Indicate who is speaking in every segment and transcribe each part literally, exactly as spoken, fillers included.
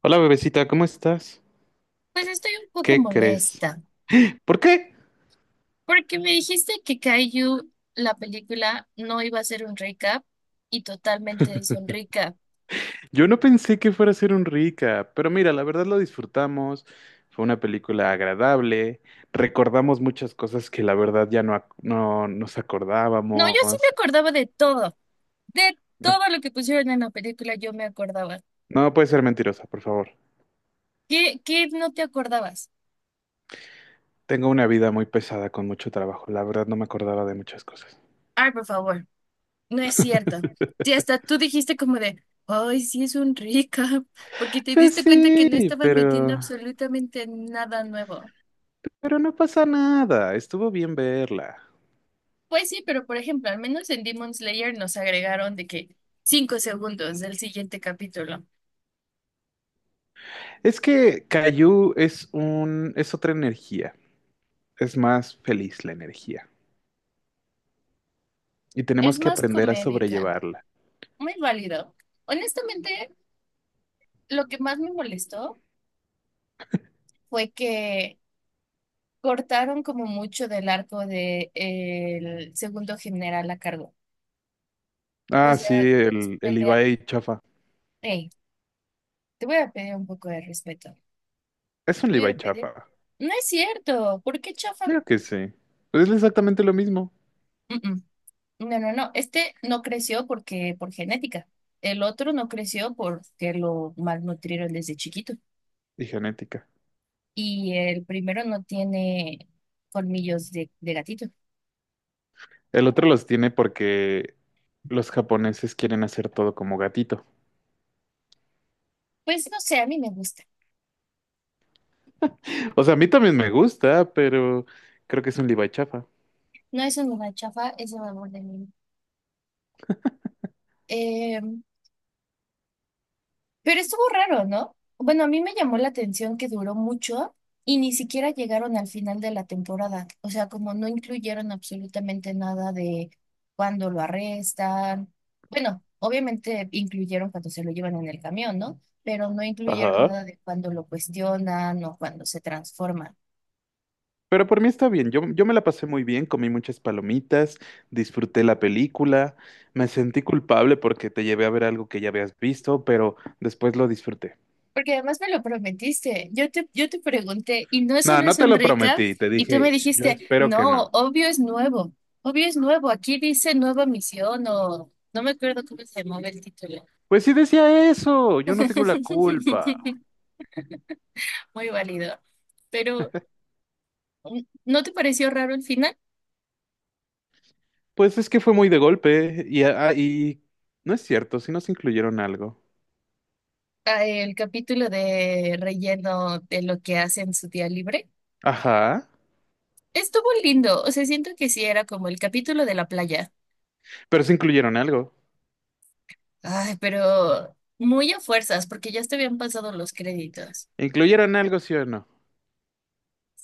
Speaker 1: Hola bebecita, ¿cómo estás?
Speaker 2: Pues estoy un poco
Speaker 1: ¿Qué crees?
Speaker 2: molesta,
Speaker 1: ¿Por qué?
Speaker 2: porque me dijiste que Kaiju, la película, no iba a ser un recap y totalmente es un recap.
Speaker 1: Yo no pensé que fuera a ser un rica, pero mira, la verdad lo disfrutamos, fue una película agradable, recordamos muchas cosas que la verdad ya no, ac- no nos
Speaker 2: No, yo sí me
Speaker 1: acordábamos.
Speaker 2: acordaba de todo, de todo lo que pusieron en la película, yo me acordaba.
Speaker 1: No puede ser mentirosa, por favor.
Speaker 2: ¿Qué, qué no te acordabas?
Speaker 1: Tengo una vida muy pesada con mucho trabajo, la verdad no me acordaba de muchas cosas.
Speaker 2: Ay, por favor, no es cierto. Sí, hasta tú dijiste como de, ay, sí es un recap, porque te
Speaker 1: Pues
Speaker 2: diste cuenta que no
Speaker 1: sí,
Speaker 2: estaban metiendo
Speaker 1: pero...
Speaker 2: absolutamente nada nuevo.
Speaker 1: pero no pasa nada, estuvo bien verla.
Speaker 2: Pues sí, pero por ejemplo, al menos en Demon Slayer nos agregaron de que cinco segundos del siguiente capítulo.
Speaker 1: Es que Caillou es un es otra energía. Es más feliz la energía y
Speaker 2: Es
Speaker 1: tenemos que
Speaker 2: más
Speaker 1: aprender a
Speaker 2: comédica,
Speaker 1: sobrellevarla.
Speaker 2: muy válido. Honestamente, lo que más me molestó fue que cortaron como mucho del arco de eh, el segundo general a cargo. O
Speaker 1: Ah, sí,
Speaker 2: sea, en su
Speaker 1: el, el
Speaker 2: pelea,
Speaker 1: Levi chafa.
Speaker 2: hey, te voy a pedir un poco de respeto.
Speaker 1: Es un
Speaker 2: Te voy a
Speaker 1: Levi
Speaker 2: pedir.
Speaker 1: chafa.
Speaker 2: No es cierto, ¿por qué chafa?
Speaker 1: Claro que sí. Pues es exactamente lo mismo.
Speaker 2: No, no, no. Este no creció porque por genética. El otro no creció porque lo malnutrieron desde chiquito.
Speaker 1: Y genética.
Speaker 2: Y el primero no tiene colmillos de, de gatito.
Speaker 1: El otro los tiene porque los japoneses quieren hacer todo como gatito.
Speaker 2: Pues no sé, a mí me gusta.
Speaker 1: O sea, a mí también me gusta, pero creo que es un Levi chafa.
Speaker 2: No es una chafa, es el amor de mí. Em, Pero estuvo raro, ¿no? Bueno, a mí me llamó la atención que duró mucho y ni siquiera llegaron al final de la temporada. O sea, como no incluyeron absolutamente nada de cuando lo arrestan. Bueno, obviamente incluyeron cuando se lo llevan en el camión, ¿no? Pero no incluyeron
Speaker 1: Ajá.
Speaker 2: nada de cuando lo cuestionan o cuando se transforma.
Speaker 1: Pero por mí está bien, yo, yo me la pasé muy bien, comí muchas palomitas, disfruté la película, me sentí culpable porque te llevé a ver algo que ya habías visto, pero después lo disfruté.
Speaker 2: Porque además me lo prometiste. Yo te, yo te pregunté, y no
Speaker 1: No,
Speaker 2: solo
Speaker 1: no
Speaker 2: es
Speaker 1: te
Speaker 2: un
Speaker 1: lo
Speaker 2: recap,
Speaker 1: prometí, te
Speaker 2: y tú me
Speaker 1: dije, yo
Speaker 2: dijiste,
Speaker 1: espero que
Speaker 2: no,
Speaker 1: no.
Speaker 2: obvio es nuevo. Obvio es nuevo. Aquí dice nueva misión o no me acuerdo cómo se llamaba el título.
Speaker 1: Pues sí decía eso, yo no tengo la culpa.
Speaker 2: Muy válido. Pero, mm, ¿no te pareció raro el final?
Speaker 1: Pues es que fue muy de golpe y, ah, ah, y no es cierto, si nos incluyeron algo.
Speaker 2: Ah, el capítulo de relleno de lo que hace en su día libre.
Speaker 1: Ajá,
Speaker 2: Estuvo lindo. O sea, siento que sí era como el capítulo de la playa.
Speaker 1: pero sí incluyeron algo.
Speaker 2: Ay, pero muy a fuerzas, porque ya te habían pasado los créditos.
Speaker 1: ¿Incluyeron algo, sí o no?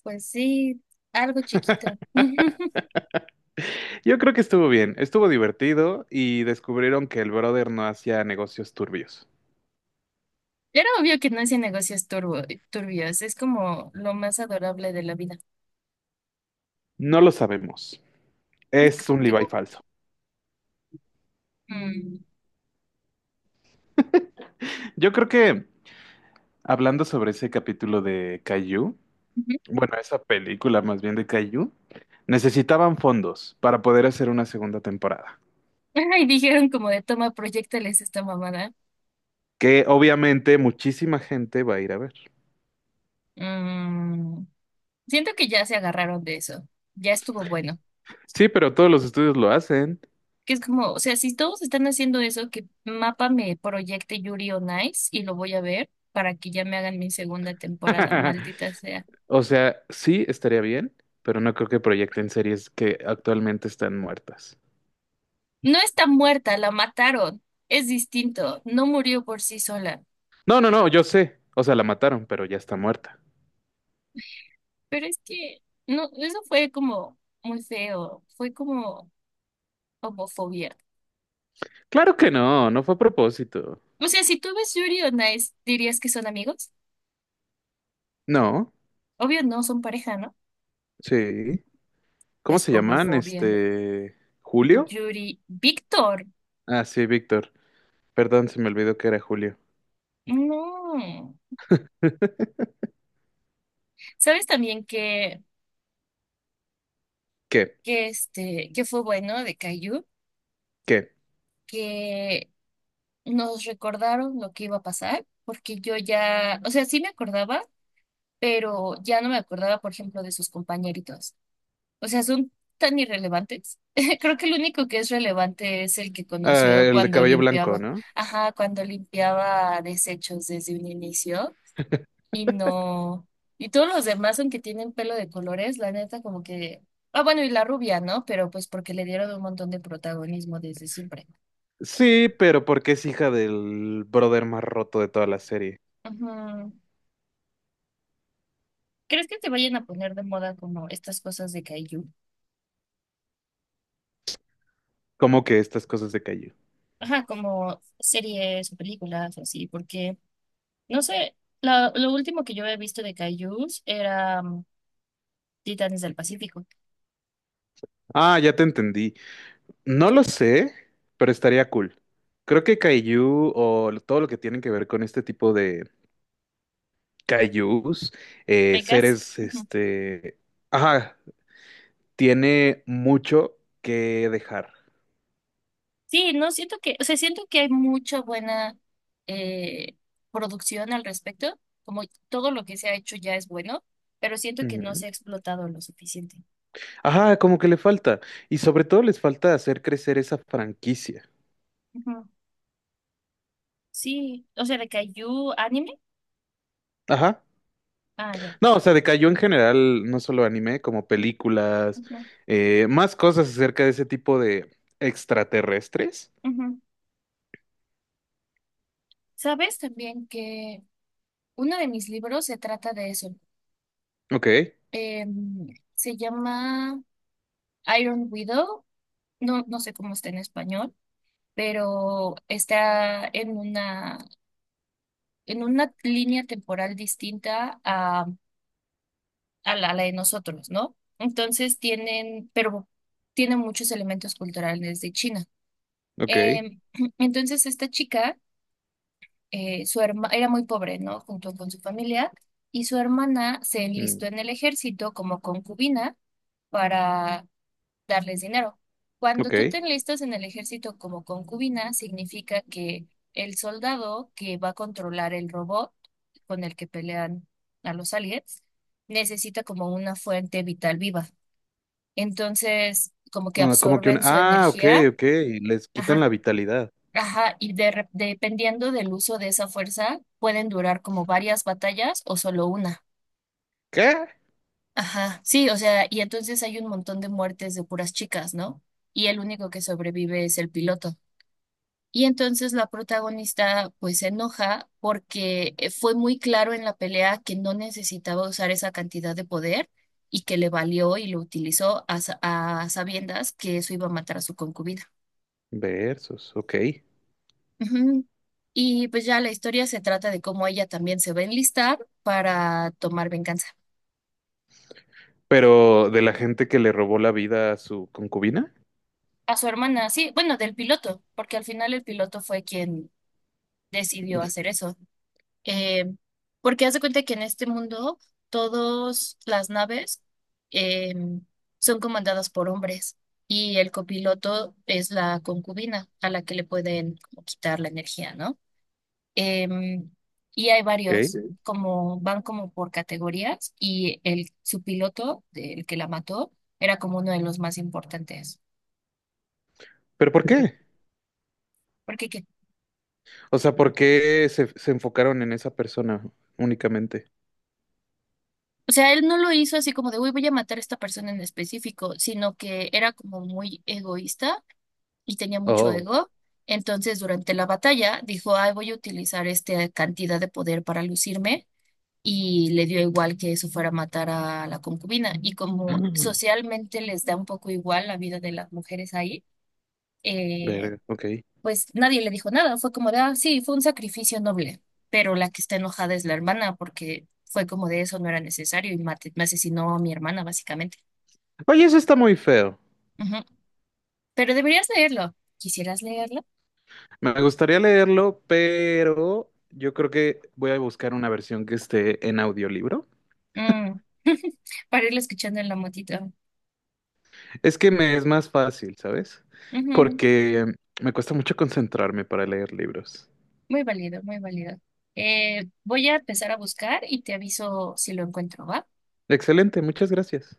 Speaker 2: Pues sí, algo chiquito.
Speaker 1: Yo creo que estuvo bien, estuvo divertido y descubrieron que el brother no hacía negocios turbios.
Speaker 2: Era obvio que no hacía negocios turbo, turbios, es como lo más adorable de la vida.
Speaker 1: No lo sabemos. Es
Speaker 2: ¿Cómo
Speaker 1: un
Speaker 2: que
Speaker 1: Levi
Speaker 2: no?
Speaker 1: falso.
Speaker 2: Mm,
Speaker 1: Yo creo que hablando sobre ese capítulo de Caillou,
Speaker 2: ujú.
Speaker 1: bueno, esa película más bien de Caillou, necesitaban fondos para poder hacer una segunda temporada,
Speaker 2: Ay, dijeron como de toma, proyectales esta mamada.
Speaker 1: que obviamente muchísima gente va a ir a ver.
Speaker 2: Mm, siento que ya se agarraron de eso. Ya estuvo bueno.
Speaker 1: Sí, pero todos los estudios lo hacen.
Speaker 2: Que es como, o sea, si todos están haciendo eso, que Mapa me proyecte Yuri on Ice y lo voy a ver para que ya me hagan mi segunda temporada, maldita sea.
Speaker 1: O sea, sí estaría bien, pero no creo que proyecten series que actualmente están muertas.
Speaker 2: No está muerta, la mataron. Es distinto, no murió por sí sola.
Speaker 1: No, no, no, yo sé. O sea, la mataron, pero ya está muerta.
Speaker 2: Pero es que, no, eso fue como muy feo, fue como homofobia.
Speaker 1: Claro que no, no fue a propósito.
Speaker 2: O sea, si tú ves Yuri on Ice, ¿dirías que son amigos?
Speaker 1: No,
Speaker 2: Obvio no, son pareja, ¿no?
Speaker 1: sí. ¿Cómo
Speaker 2: Pues
Speaker 1: se llaman?
Speaker 2: homofobia.
Speaker 1: Este ¿Julio?
Speaker 2: Yuri, Víctor,
Speaker 1: Ah, sí, Víctor. Perdón, se me olvidó que era Julio.
Speaker 2: no. ¿Sabes también que
Speaker 1: ¿Qué?
Speaker 2: que este, que fue bueno de Caillou,
Speaker 1: ¿Qué?
Speaker 2: que nos recordaron lo que iba a pasar, porque yo ya, o sea, sí me acordaba, pero ya no me acordaba, por ejemplo, de sus compañeritos. O sea, son tan irrelevantes. Creo que el único que es relevante es el que
Speaker 1: Ah,
Speaker 2: conoció
Speaker 1: el de
Speaker 2: cuando
Speaker 1: cabello blanco,
Speaker 2: limpiaba,
Speaker 1: ¿no?
Speaker 2: ajá, cuando limpiaba desechos desde un inicio. Y no. Y todos los demás, aunque tienen pelo de colores, la neta, como que. Ah, bueno, y la rubia, ¿no? Pero pues porque le dieron un montón de protagonismo desde siempre.
Speaker 1: Sí, pero porque es hija del brother más roto de toda la serie.
Speaker 2: Ujú. ¿Crees que te vayan a poner de moda como estas cosas de kaiju?
Speaker 1: ¿Cómo que estas cosas de Caillou?
Speaker 2: Ajá, como series o películas o así, porque, no sé, la- lo último que yo he visto de kaijus era mm, Titanes del Pacífico.
Speaker 1: Ah, ya te entendí. No lo sé, pero estaría cool. Creo que Caillou o todo lo que tiene que ver con este tipo de Kaijus, eh,
Speaker 2: ¿Vegas?
Speaker 1: seres, este, ajá, tiene mucho que dejar.
Speaker 2: Sí, no siento que, o sea, siento que hay mucha buena eh, producción al respecto, como todo lo que se ha hecho ya es bueno, pero siento que no
Speaker 1: Ujú.
Speaker 2: se ha explotado lo suficiente.
Speaker 1: Ajá, como que le falta. Y sobre todo les falta hacer crecer esa franquicia.
Speaker 2: Ujú. Sí, o sea, de Kaiju anime.
Speaker 1: Ajá.
Speaker 2: Ah, ya.
Speaker 1: No, o sea, decayó en general, no solo anime, como películas,
Speaker 2: Ujú,
Speaker 1: eh, más cosas acerca de ese tipo de extraterrestres.
Speaker 2: ujú. ¿Sabes también que uno de mis libros se trata de eso?
Speaker 1: Ok,
Speaker 2: Em, se llama Iron Widow, no, no sé cómo está en español, pero está en una en una línea temporal distinta a, a la, a la de nosotros, ¿no? Entonces tienen, pero tienen muchos elementos culturales de China.
Speaker 1: ok,
Speaker 2: Eh, entonces esta chica, eh, su herma, era muy pobre, ¿no? Junto con su familia, y su hermana se
Speaker 1: mm,
Speaker 2: enlistó en el ejército como concubina para darles dinero. Cuando
Speaker 1: ok.
Speaker 2: tú te enlistas en el ejército como concubina, significa que el soldado que va a controlar el robot con el que pelean a los aliens necesita como una fuente vital viva. Entonces, como que
Speaker 1: Ah, como que un
Speaker 2: absorben su
Speaker 1: Ah, ok,
Speaker 2: energía,
Speaker 1: ok. Les quitan
Speaker 2: ajá,
Speaker 1: la vitalidad.
Speaker 2: ajá, y de re- dependiendo del uso de esa fuerza, pueden durar como varias batallas o solo una.
Speaker 1: ¿Qué?
Speaker 2: Ajá, sí, o sea, y entonces hay un montón de muertes de puras chicas, ¿no? Y el único que sobrevive es el piloto. Y entonces la protagonista pues se enoja porque eh, fue muy claro en la pelea que no necesitaba usar esa cantidad de poder y que le valió y lo utilizó a, sa- a sabiendas que eso iba a matar a su concubina.
Speaker 1: Versus, ok.
Speaker 2: Ujú. Y pues ya la historia se trata de cómo ella también se va a enlistar para tomar venganza.
Speaker 1: Pero de la gente que le robó la vida a su concubina,
Speaker 2: A su hermana, sí, bueno, del piloto, porque al final el piloto fue quien decidió hacer eso. Eh, porque haz de cuenta que en este mundo todas las naves eh, son comandadas por hombres y el copiloto es la concubina a la que le pueden como quitar la energía, ¿no? Em, y hay varios,
Speaker 1: ¿ok?
Speaker 2: sí, como van como por categorías y el su piloto, el que la mató, era como uno de los más importantes.
Speaker 1: ¿Pero por qué?
Speaker 2: Porque que,
Speaker 1: O sea, ¿por qué se, se enfocaron en esa persona únicamente?
Speaker 2: o sea, él no lo hizo así como de, uy, voy a matar a esta persona en específico, sino que era como muy egoísta y tenía mucho
Speaker 1: Oh.
Speaker 2: ego. Entonces, durante la batalla, dijo, ay, voy a utilizar esta cantidad de poder para lucirme. Y le dio igual que eso fuera a matar a la concubina. Y como
Speaker 1: Mm,
Speaker 2: socialmente les da un poco igual la vida de las mujeres ahí, eh,
Speaker 1: verga, ok.
Speaker 2: pues nadie le dijo nada. Fue como de, ah, sí, fue un sacrificio noble. Pero la que está enojada es la hermana, porque fue como de eso no era necesario y mate- me asesinó a mi hermana, básicamente.
Speaker 1: Oye, eso está muy feo.
Speaker 2: Ujú. Pero deberías leerlo. ¿Quisieras leerlo?
Speaker 1: Me gustaría leerlo, pero yo creo que voy a buscar una versión que esté en audiolibro.
Speaker 2: Mm. Para irlo escuchando en la motito.
Speaker 1: Es que me es más fácil, ¿sabes?
Speaker 2: Ujú,
Speaker 1: Porque me cuesta mucho concentrarme para leer libros.
Speaker 2: muy válido, muy válido. Eh, voy a empezar a buscar y te aviso si lo encuentro, ¿va?
Speaker 1: Excelente, muchas gracias.